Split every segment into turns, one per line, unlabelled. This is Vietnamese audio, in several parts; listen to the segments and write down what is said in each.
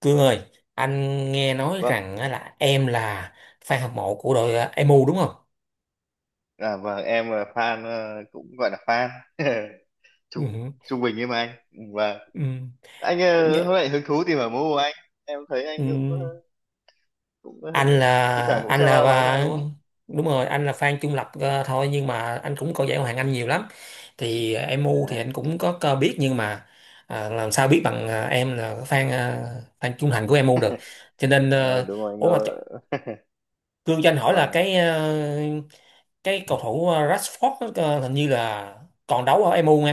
Cương ơi, anh nghe nói
vâng
rằng là em là fan hâm mộ của đội MU đúng không?
à, vâng em là fan, cũng gọi là fan. trung
Ừ.
trung bình như mà anh, và
Ừ.
anh
Nhớ-
hôm nay hứng thú tìm hiểu môn của anh. Em thấy anh
ừ.
cũng cũng
Anh
ờ, thi thoảng
là
cũng
anh
xem
là
bóng mà,
và-
đúng không?
Đúng rồi, anh là fan trung lập, thôi nhưng mà anh cũng coi giải Ngoại hạng Anh nhiều lắm. MU
à,
thì anh cũng có biết nhưng mà làm sao biết bằng em là fan, fan trung thành của emu được. Cho nên
ờ,
à,
Đúng rồi anh
ủa mà ch-
ơi.
Cương cho anh hỏi là
và
cái cầu thủ Rashford hình như là còn đấu ở MU.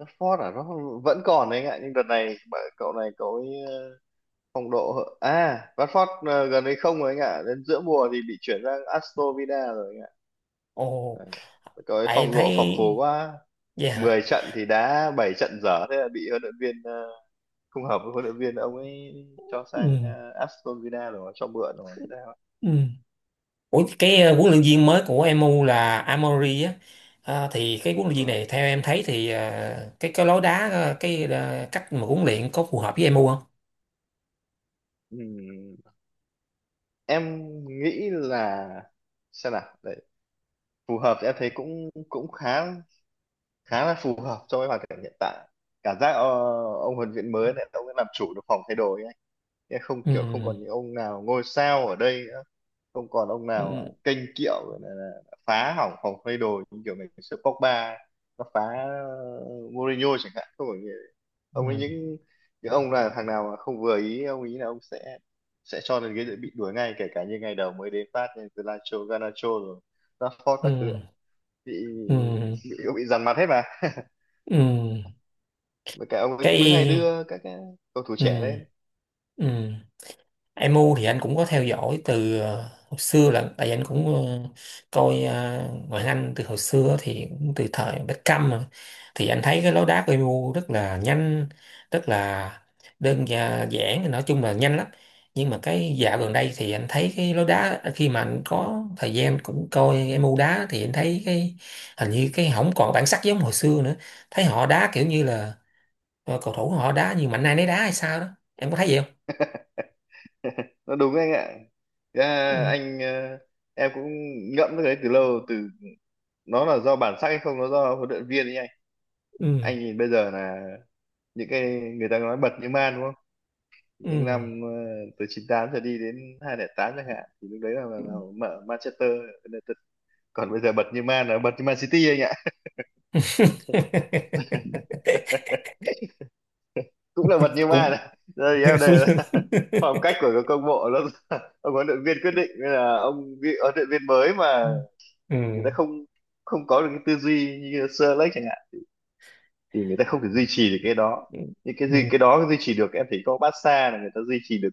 Rashford nó vẫn còn đấy anh ạ, nhưng đợt này cậu này cậu ấy ờ, phong độ hợ- à Rashford gần đây không rồi anh ạ, đến giữa mùa thì bị chuyển sang Aston Villa rồi anh ạ.
Ồ,
Ờ, Cậu ấy
tại em
phong
thấy
độ phập phù quá,
vậy
10
hả?
trận thì đá 7 trận dở, thế là bị huấn luyện viên không hợp với huấn luyện viên, ông ấy cho
Ừ.
sang Aston Villa rồi, cho mượn rồi hay sao ấy.
Ừ. Ủa cái huấn luyện viên mới của em MU là Amory á. Thì cái huấn luyện viên
Vâng.
này theo em thấy thì, cái lối đá, cách mà huấn luyện có phù hợp với em MU không?
Ừm, em nghĩ là xem nào đấy, phù hợp thì em thấy cũng cũng khá khá là phù hợp cho cái hoàn cảnh hiện tại. Cảm giác ông huấn luyện viên mới này ông ấy làm chủ được phòng thay đồ ấy anh. Chứ không
Ừ.
kiểu không còn những ông nào ngôi sao ở đây, không còn ông
Ừ.
nào kênh kiệu, gọi là phá hỏng phòng thay đồ như kiểu ngày xưa Pogba nó phá, Mourinho chẳng hạn, không phải như- ông ấy,
Ừ.
những ông là thằng nào mà không vừa ý ông ý là ông sẽ cho lên ghế dự bị, đuổi ngay, kể cả như ngày đầu mới đến phát như Garnacho, Garnacho rồi Rashford
Ừ.
các thứ bị
Ừ.
bị, bị dằn mặt hết mà.
Ừ.
Với cả ông ấy cũng đưa, hay
Cái
đưa các cái cầu thủ trẻ
ừ.
lên.
Ừ. Em MU thì anh cũng có theo dõi từ hồi xưa, là tại vì anh cũng coi ngoại hạng Anh từ hồi xưa, thì cũng từ thời Beckham mà. Thì anh thấy cái lối đá của MU rất là nhanh, rất là giản, nói chung là nhanh lắm. Nhưng mà cái dạo gần đây thì anh thấy cái lối đá, khi mà anh có thời gian cũng coi MU đá, thì anh thấy cái hình như cái không còn bản sắc giống hồi xưa nữa. Thấy họ đá kiểu như là cầu thủ họ đá như mạnh ai nấy đá hay sao đó. Em có thấy vậy không?
Nó đúng anh ạ. Thế
Ừ.
là anh ờ, Em cũng ngẫm cái đấy từ lâu, nó là do bản sắc hay không, nó do huấn luyện viên ấy anh.
Ừ.
Anh nhìn bây giờ là những cái người ta nói bật như man, đúng không,
Ừ.
những năm từ 98 giờ đi đến 2008 chẳng hạn, thì lúc đấy là mở Manchester United. Còn bây giờ bật như man là bật như Man City anh ạ. Cũng là bật như man
cũng
đây thì em
suy
đây là.
nghĩ.
Phong cách của các câu lạc bộ nó, ông huấn luyện viên quyết định, nên là huấn luyện viên mới
Ừ.
mà
Ừ.
người ta không không có được cái tư duy như Sir Alex chẳng hạn thì người ta không thể duy trì được cái đó. Những cái gì cái
Ừ.
đó duy trì được, em thấy có Barca là người ta duy trì được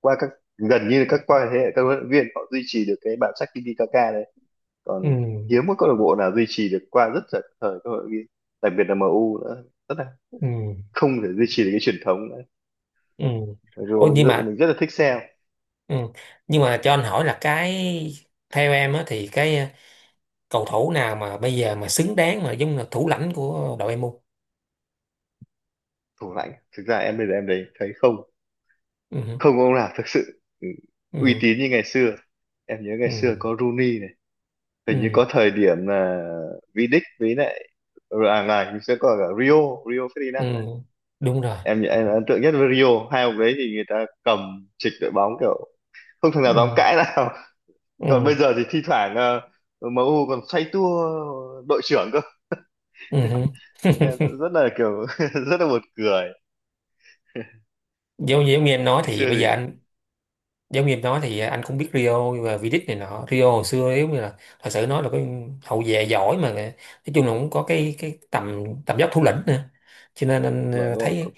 qua các, gần như là các, qua thế hệ các huấn luyện viên, họ duy trì được cái bản sắc Tiki Kaka đấy. Còn
Ừ.
hiếm có câu lạc bộ nào duy trì được qua rất là thời các huấn luyện viên, đặc biệt là MU nữa, rất là
Ừ.
không thể duy trì được cái truyền thống nữa.
Ừ.
Mặc dù
Ôi,
mình
nhưng
rất,
mà
mình rất là thích xem.
ừ, nhưng mà cho anh hỏi là cái, theo em á thì cầu thủ nào mà bây giờ mà xứng đáng mà giống là thủ lãnh của đội em không?
Thủ lãnh thực ra em bây giờ em đấy thấy không,
Ừ.
không ông nào thực sự uy
Ừ.
tín như ngày xưa. Em nhớ ngày
Ừ.
xưa có Rooney này, hình như
Ừ.
có thời điểm là Vidic, với lại, ừ, à này thì sẽ có cả Rio, Rio
Ừ.
Ferdinand đấy.
Đúng rồi.
Em ấn tượng nhất với Rio. Hai ông đấy thì người ta cầm trịch đội bóng, kiểu không thằng nào dám
Ừ.
cãi nào. Còn
Ừ.
bây giờ thì thi thoảng MU còn xoay tua đội trưởng cơ,
Ừ.
nghe rất là kiểu rất là buồn cười.
Giống giống như em nói
Ngày
thì
xưa
bây
thì
giờ anh giống như em nói thì, anh cũng biết Rio và V-League này nọ, Rio hồi xưa nếu như là thật sự nói là cái hậu vệ giỏi mà, nói chung là cũng có cái tầm tầm dốc thủ lĩnh nữa, cho nên anh
vâng, đúng rồi
thấy
cũng.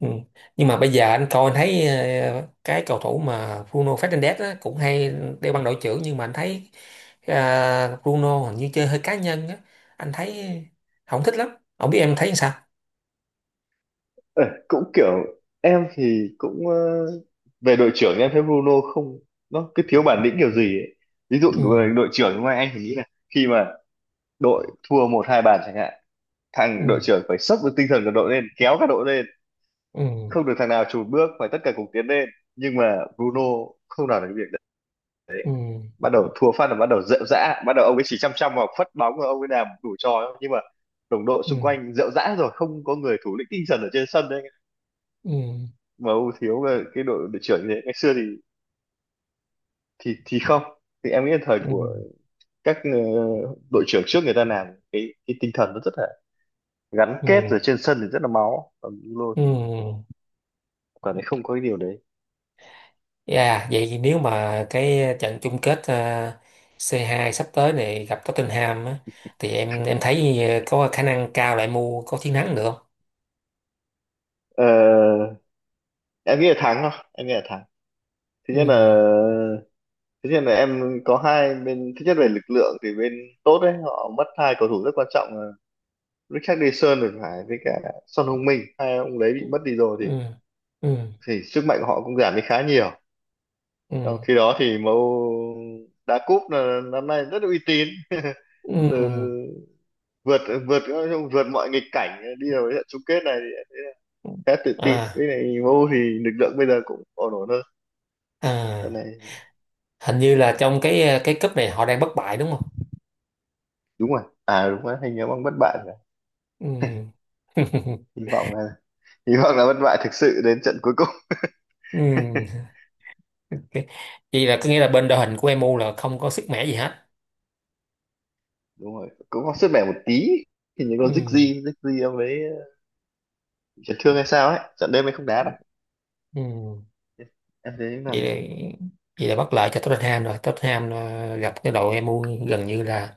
ừ, nhưng mà bây giờ anh coi anh thấy cái cầu thủ mà Bruno Fernandes á, cũng hay đeo băng đội trưởng, nhưng mà anh thấy Bruno hình như chơi hơi cá nhân á, anh thấy không thích lắm, không biết em thấy sao.
Ờ, Cũng kiểu em thì cũng về đội trưởng em thấy Bruno không, nó cứ thiếu bản lĩnh kiểu gì ấy. Ví dụ về
Ừ.
đội trưởng ngoài, anh thì nghĩ là khi mà đội thua một hai bàn chẳng hạn,
Ừ.
thằng đội trưởng phải sốc được tinh thần của đội lên, kéo cả đội lên,
Ừ.
không được thằng nào chùn bước, phải tất cả cùng tiến lên. Nhưng mà Bruno không làm được cái việc đấy,
Ừ.
bắt đầu thua phát là bắt đầu rệu rã, bắt đầu ông ấy chỉ chăm chăm vào phất bóng và ông ấy làm đủ trò ấy. Nhưng mà đồng đội
Ừ.
xung quanh rệu rã rồi, không có người thủ lĩnh tinh thần ở trên sân đấy,
Ừ.
mà ưu thiếu là cái đội đội trưởng như thế ngày xưa thì không, thì em nghĩ là thời
Ừ.
của các đội trưởng trước, người ta làm cái tinh thần nó rất là gắn kết,
Ừ.
rồi trên sân thì rất là máu, còn Bruno
Ừ.
thì
Ừ.
cảm thấy không có cái điều đấy.
Yeah, vậy thì nếu mà cái trận chung kết C2 sắp tới này gặp Tottenham á, thì em thấy có khả năng cao lại mua có chiến thắng được không?
Ờ, em nghĩ là thắng, không em nghĩ là thắng. Thứ nhất là,
Ừ.
em có hai bên, thứ nhất về lực lượng thì bên tốt đấy họ mất hai cầu thủ rất quan trọng là Richarlison thì phải, với cả Son Heung-min, hai ông đấy
Ừ.
bị mất đi rồi
Ừ. Ừ.
thì sức mạnh của họ cũng giảm đi khá nhiều.
Ừ.
Trong khi đó thì MU đá cúp là năm nay rất uy tín. từ
Ừ.
vượt vượt Vượt mọi nghịch cảnh đi vào trận chung kết này thì khá tự tin.
À,
Với lại MU thì lực lượng bây giờ cũng ổn, ổn hơn lần
à,
này.
hình như là trong cái cúp này họ đang bất bại đúng không?
Đúng rồi, à đúng rồi, hình như ông bất bại.
Ừ.
Hy vọng là, bất bại thực sự đến trận cuối cùng.
Ừ. Cái- vậy là có nghĩa là bên đội hình của em MU là không có sức mẻ gì hết.
Đúng rồi, cũng có sức mẻ một tí, thì những
Ừ.
con Ziggy Ziggy ông ấy chấn thương hay sao ấy, trận đêm ấy không đá đâu,
Ừ.
em thấy
vậy
làm
là,
gì?
vậy là bất lợi cho Tottenham rồi. Tottenham gặp cái đội em MU gần như là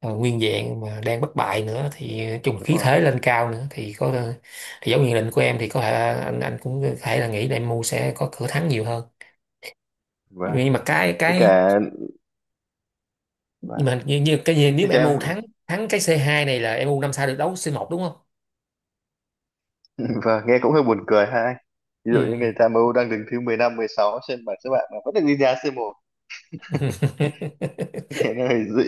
nguyên vẹn mà đang bất bại nữa, thì chung
Đúng
khí
rồi,
thế lên cao nữa, thì có ờ, thì giống như định của em thì có thể anh cũng có thể là nghĩ là MU sẽ có cửa thắng nhiều hơn.
và
nhưng mà cái
với
cái
cả
nhưng
và
mà như cái gì
thế
nếu mà
cho
MU
em.
thắng, thắng cái c hai này là em MU năm sau được đấu c một đúng không.
Nghe cũng hơi buồn cười ha anh. Ví dụ như
Ừ.
người ta MU đang đứng thứ 15-16 trên bảng xếp hạng mà vẫn được đi đá C1. Nghe nó hơi dị.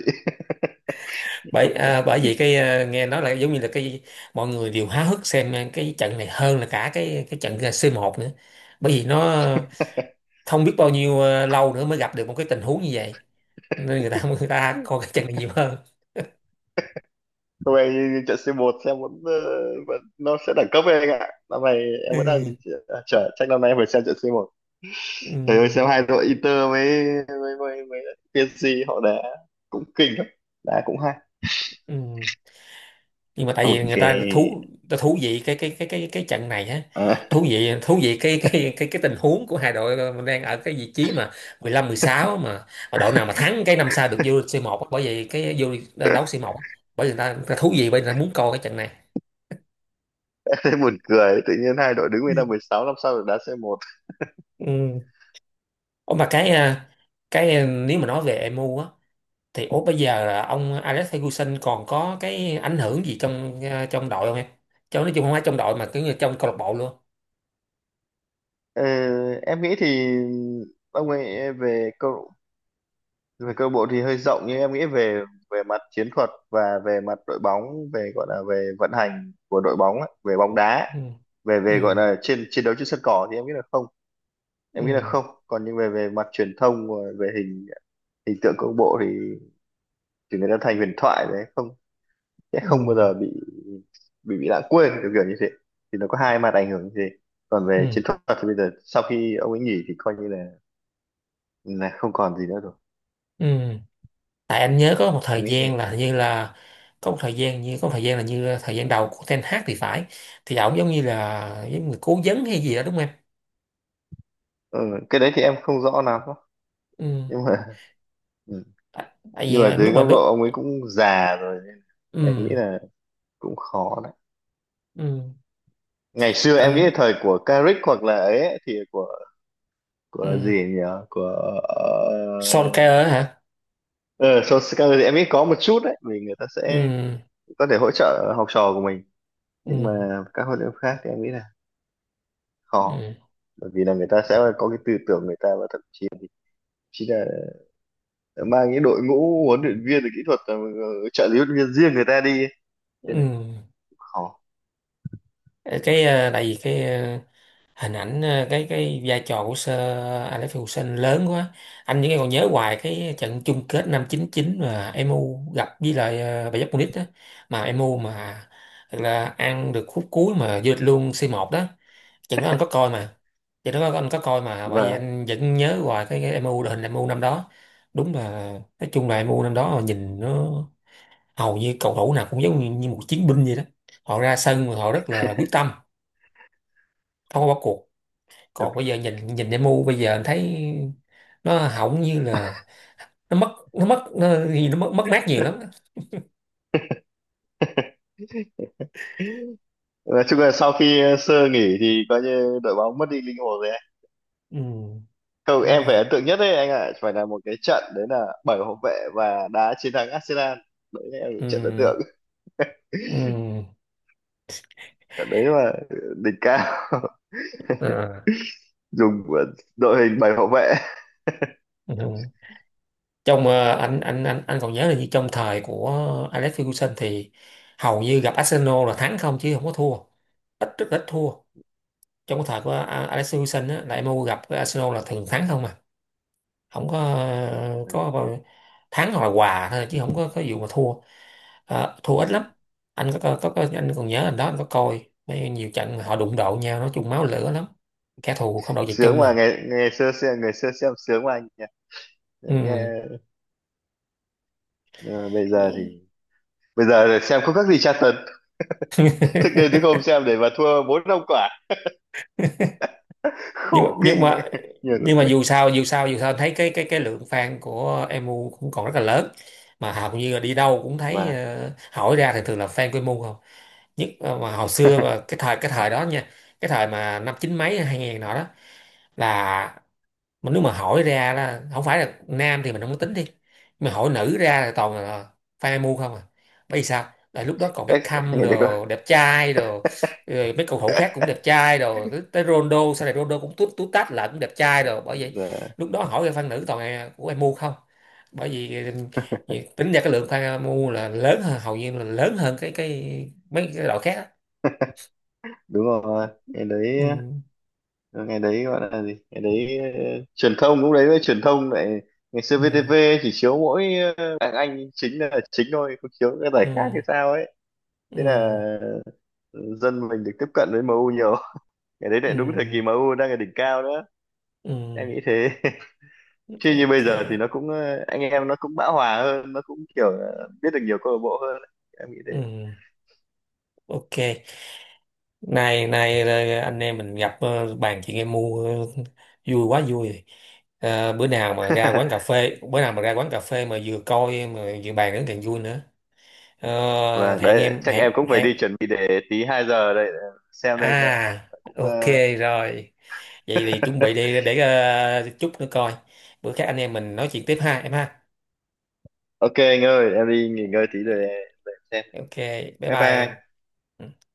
Bởi bởi vì nghe nói là giống như là cái mọi người đều háo hức xem cái trận này hơn là cả cái trận C1 nữa, bởi vì nó không biết bao nhiêu lâu nữa mới gặp được một cái tình huống như vậy, nên người ta người ta coi cái trận này nhiều hơn.
Không em, như trận C1 xem vẫn, vẫn nó sẽ đẳng cấp với anh ạ, năm nay em vẫn đang
Ừ.
chờ, chắc năm nay em phải xem trận C1.
Ừ.
Trời ơi, xem hai đội Inter với, với PSG họ đá cũng kinh lắm, đá cũng hay.
Ừ. Nhưng mà tại vì người
Ok.
ta thú vị cái trận này á,
À,
thú vị cái tình huống của hai đội, mình đang ở cái vị trí mà mười lăm mười sáu, mà đội nào mà thắng cái năm sau được vô c một á, bởi vì cái vô đấu c một á, bởi vì người ta thú vị bởi vì người ta muốn coi cái trận này.
thế buồn cười, tự nhiên hai đội đứng
Ừ.
bên 16, năm sau được đá C1.
Ừ. Ủa mà cái à, Cái à, nếu mà nói về emu á thì ủa bây giờ là ông Alex Ferguson còn có cái ảnh hưởng gì trong à, trong đội không em? Cho nói chung không phải trong đội mà cứ như trong câu lạc bộ luôn.
Ờ, em nghĩ thì ông ấy về câu lạc bộ thì hơi rộng, nhưng em nghĩ về về mặt chiến thuật và về mặt đội bóng, về, gọi là về vận hành của đội bóng ấy, về bóng đá,
Ừ.
về về gọi
Ừ.
là trên chiến đấu trên sân cỏ thì em nghĩ là không. Em nghĩ là
Ừ.
không. Còn những về về mặt truyền thông, về hình hình tượng câu lạc bộ thì người ta thành huyền thoại đấy, không sẽ
Ừ.
không bao giờ bị lãng quên kiểu, kiểu như thế. Thì nó có hai mặt ảnh hưởng như thế. Còn về
Ừ.
chiến thuật thì bây giờ sau khi ông ấy nghỉ thì coi như là không còn gì nữa rồi.
Ừ. Tại anh nhớ có một thời
Em nghĩ
gian
thế.
là hình như là có một thời gian là như thời gian đầu của Ten Hag thì phải, thì ổng giống như là giống người cố vấn hay gì đó đúng không em?
ừ, cái đấy thì em không rõ lắm,
Ừ.
nhưng mà ừ.
Tại tại
Nhưng
vì
mà
anh
dưới
lúc mà
góc
lúc
độ ông ấy cũng già rồi, em nghĩ
ừ,
là cũng khó đấy.
ừ,
Ngày xưa em nghĩ là
anh
thời của Carrick hoặc là ấy ấy, thì của
ừ.
gì nhỉ, của
Solskjaer á hả?
ờ, Solskjaer thì em nghĩ có một chút đấy, vì người ta sẽ
Ừ.
có thể hỗ trợ học trò của mình.
Ừ.
Nhưng mà các huấn luyện viên khác thì em nghĩ là khó,
Ừ.
bởi vì là người ta sẽ có cái tư tưởng người ta, và thậm chí chỉ là mang cái đội ngũ huấn luyện viên rồi kỹ thuật, trợ lý huấn luyện viên riêng người ta đi ấy. Nên là
Ừ.
khó.
Tại vì hình ảnh, cái vai trò của Sir Alex Ferguson lớn quá, anh vẫn còn nhớ hoài cái trận chung kết năm 99 mà emu gặp với lại Bayern Munich đó, mà emu mà thật là ăn được khúc cuối mà vượt luôn C1 đó. Trận đó anh có coi mà, bởi vì
và
anh vẫn nhớ hoài cái MU đội hình emu năm đó, đúng là nói chung là emu năm đó mà nhìn nó hầu như cầu thủ nào cũng giống như một chiến binh vậy đó. Họ ra sân mà họ rất là quyết tâm, không có bỏ cuộc. Còn bây giờ nhìn nhìn demo bây giờ anh thấy nó hỏng như là nó mất, mất mát nhiều lắm.
nói chung là sau khi sơ nghỉ thì coi như đội bóng mất đi linh hồn rồi anh.
Ừ,
Câu
đúng
em
rồi.
phải ấn tượng nhất đấy anh ạ, phải là một cái trận đấy là bảy hậu vệ và đá chiến thắng Arsenal. Đấy là trận ấn
Ừ.
tượng,
Ừ.
trận đấy là đỉnh cao
Ờ.
dùng của đội hình bảy hậu vệ.
Ừ. Trong anh còn nhớ là gì trong thời của Alex Ferguson thì hầu như gặp Arsenal là thắng không, chứ không có thua, rất ít thua. Trong cái thời của Alex Ferguson á, là MU gặp cái Arsenal là thường thắng không à, không có có bao- thắng hoặc là hòa thôi chứ không có vụ mà thua. Ờ, thua ít lắm. Anh có- anh còn nhớ anh đó, anh có coi mấy nhiều trận mà họ đụng độ nhau, nói chung máu lửa lắm, kẻ thù không đội trời
Sướng
chung
mà
mà.
ngày ngày xưa xem sướng mà anh nhỉ. Nghe ờ, bây
Ừ.
giờ thì bây giờ là xem không khác gì tra tấn thực đến, chứ không xem để mà thua bốn năm quả
nhưng mà
khổ
nhưng
kinh
mà
nhiều lúc
nhưng mà
ấy.
dù sao thấy cái cái lượng fan của MU cũng còn rất là lớn, mà hầu như là đi đâu cũng thấy
và
hỏi ra thì thường là fan của MU không. Nhất mà hồi xưa mà cái thời đó nha, cái thời mà năm chín mấy hai ngàn nọ đó, là mà nếu mà hỏi ra là không phải là nam thì mình không có tính đi, mà hỏi nữ ra là toàn là fan MU không à, bởi vì sao, tại lúc đó còn
Đấy
Beckham
ngày đấy có
đồ đẹp trai đồ, rồi mấy cầu thủ khác cũng đẹp trai, rồi tới tới Ronaldo sau này Ronaldo cũng tút tút tát lại cũng đẹp trai, rồi bởi vậy
giờ
lúc đó hỏi fan nữ toàn là của em mua không, bởi vì ừ, tính ra cái lượng fan mua là lớn hơn, hầu như là lớn hơn cái mấy cái đội khác á.
đúng rồi ngày đấy,
Ừ.
gọi là gì, ngày đấy truyền thông cũng đấy, với truyền thông lại, ngày xưa
Ừ.
VTV chỉ chiếu mỗi đàn anh chính là chính thôi, không chiếu các giải
Ừ.
khác hay sao ấy. Thế
Ừ.
là dân mình được tiếp cận với MU nhiều, cái đấy lại đúng thời kỳ
Ừ.
MU đang ở đỉnh cao đó.
Ừ. Ừ.
Em nghĩ thế. Chứ như
Ok.
bây giờ thì nó cũng anh em nó cũng bão hòa hơn, nó cũng kiểu là biết được nhiều câu lạc bộ hơn. Em nghĩ thế.
Ừ. Ok. nay Nay anh em mình gặp bàn chuyện em mua, ờ, vui quá vui. Ờ, bữa nào mà ra quán cà phê, bữa nào mà ra quán cà phê mà vừa coi mà vừa bàn đến càng vui nữa. Ờ, hẹn
Đấy,
em,
chắc em
hẹn
cũng phải đi
hẹn.
chuẩn bị để tí 2 giờ đây, xem đây anh ạ,
À
cũng
ok,
ờ,
rồi vậy thì chuẩn bị đi để chút nữa coi, bữa khác anh em mình nói chuyện tiếp ha em ha.
ok anh ơi, em đi nghỉ ngơi tí rồi để xem.
Ok, bye
Bye bye
bye
anh.
em.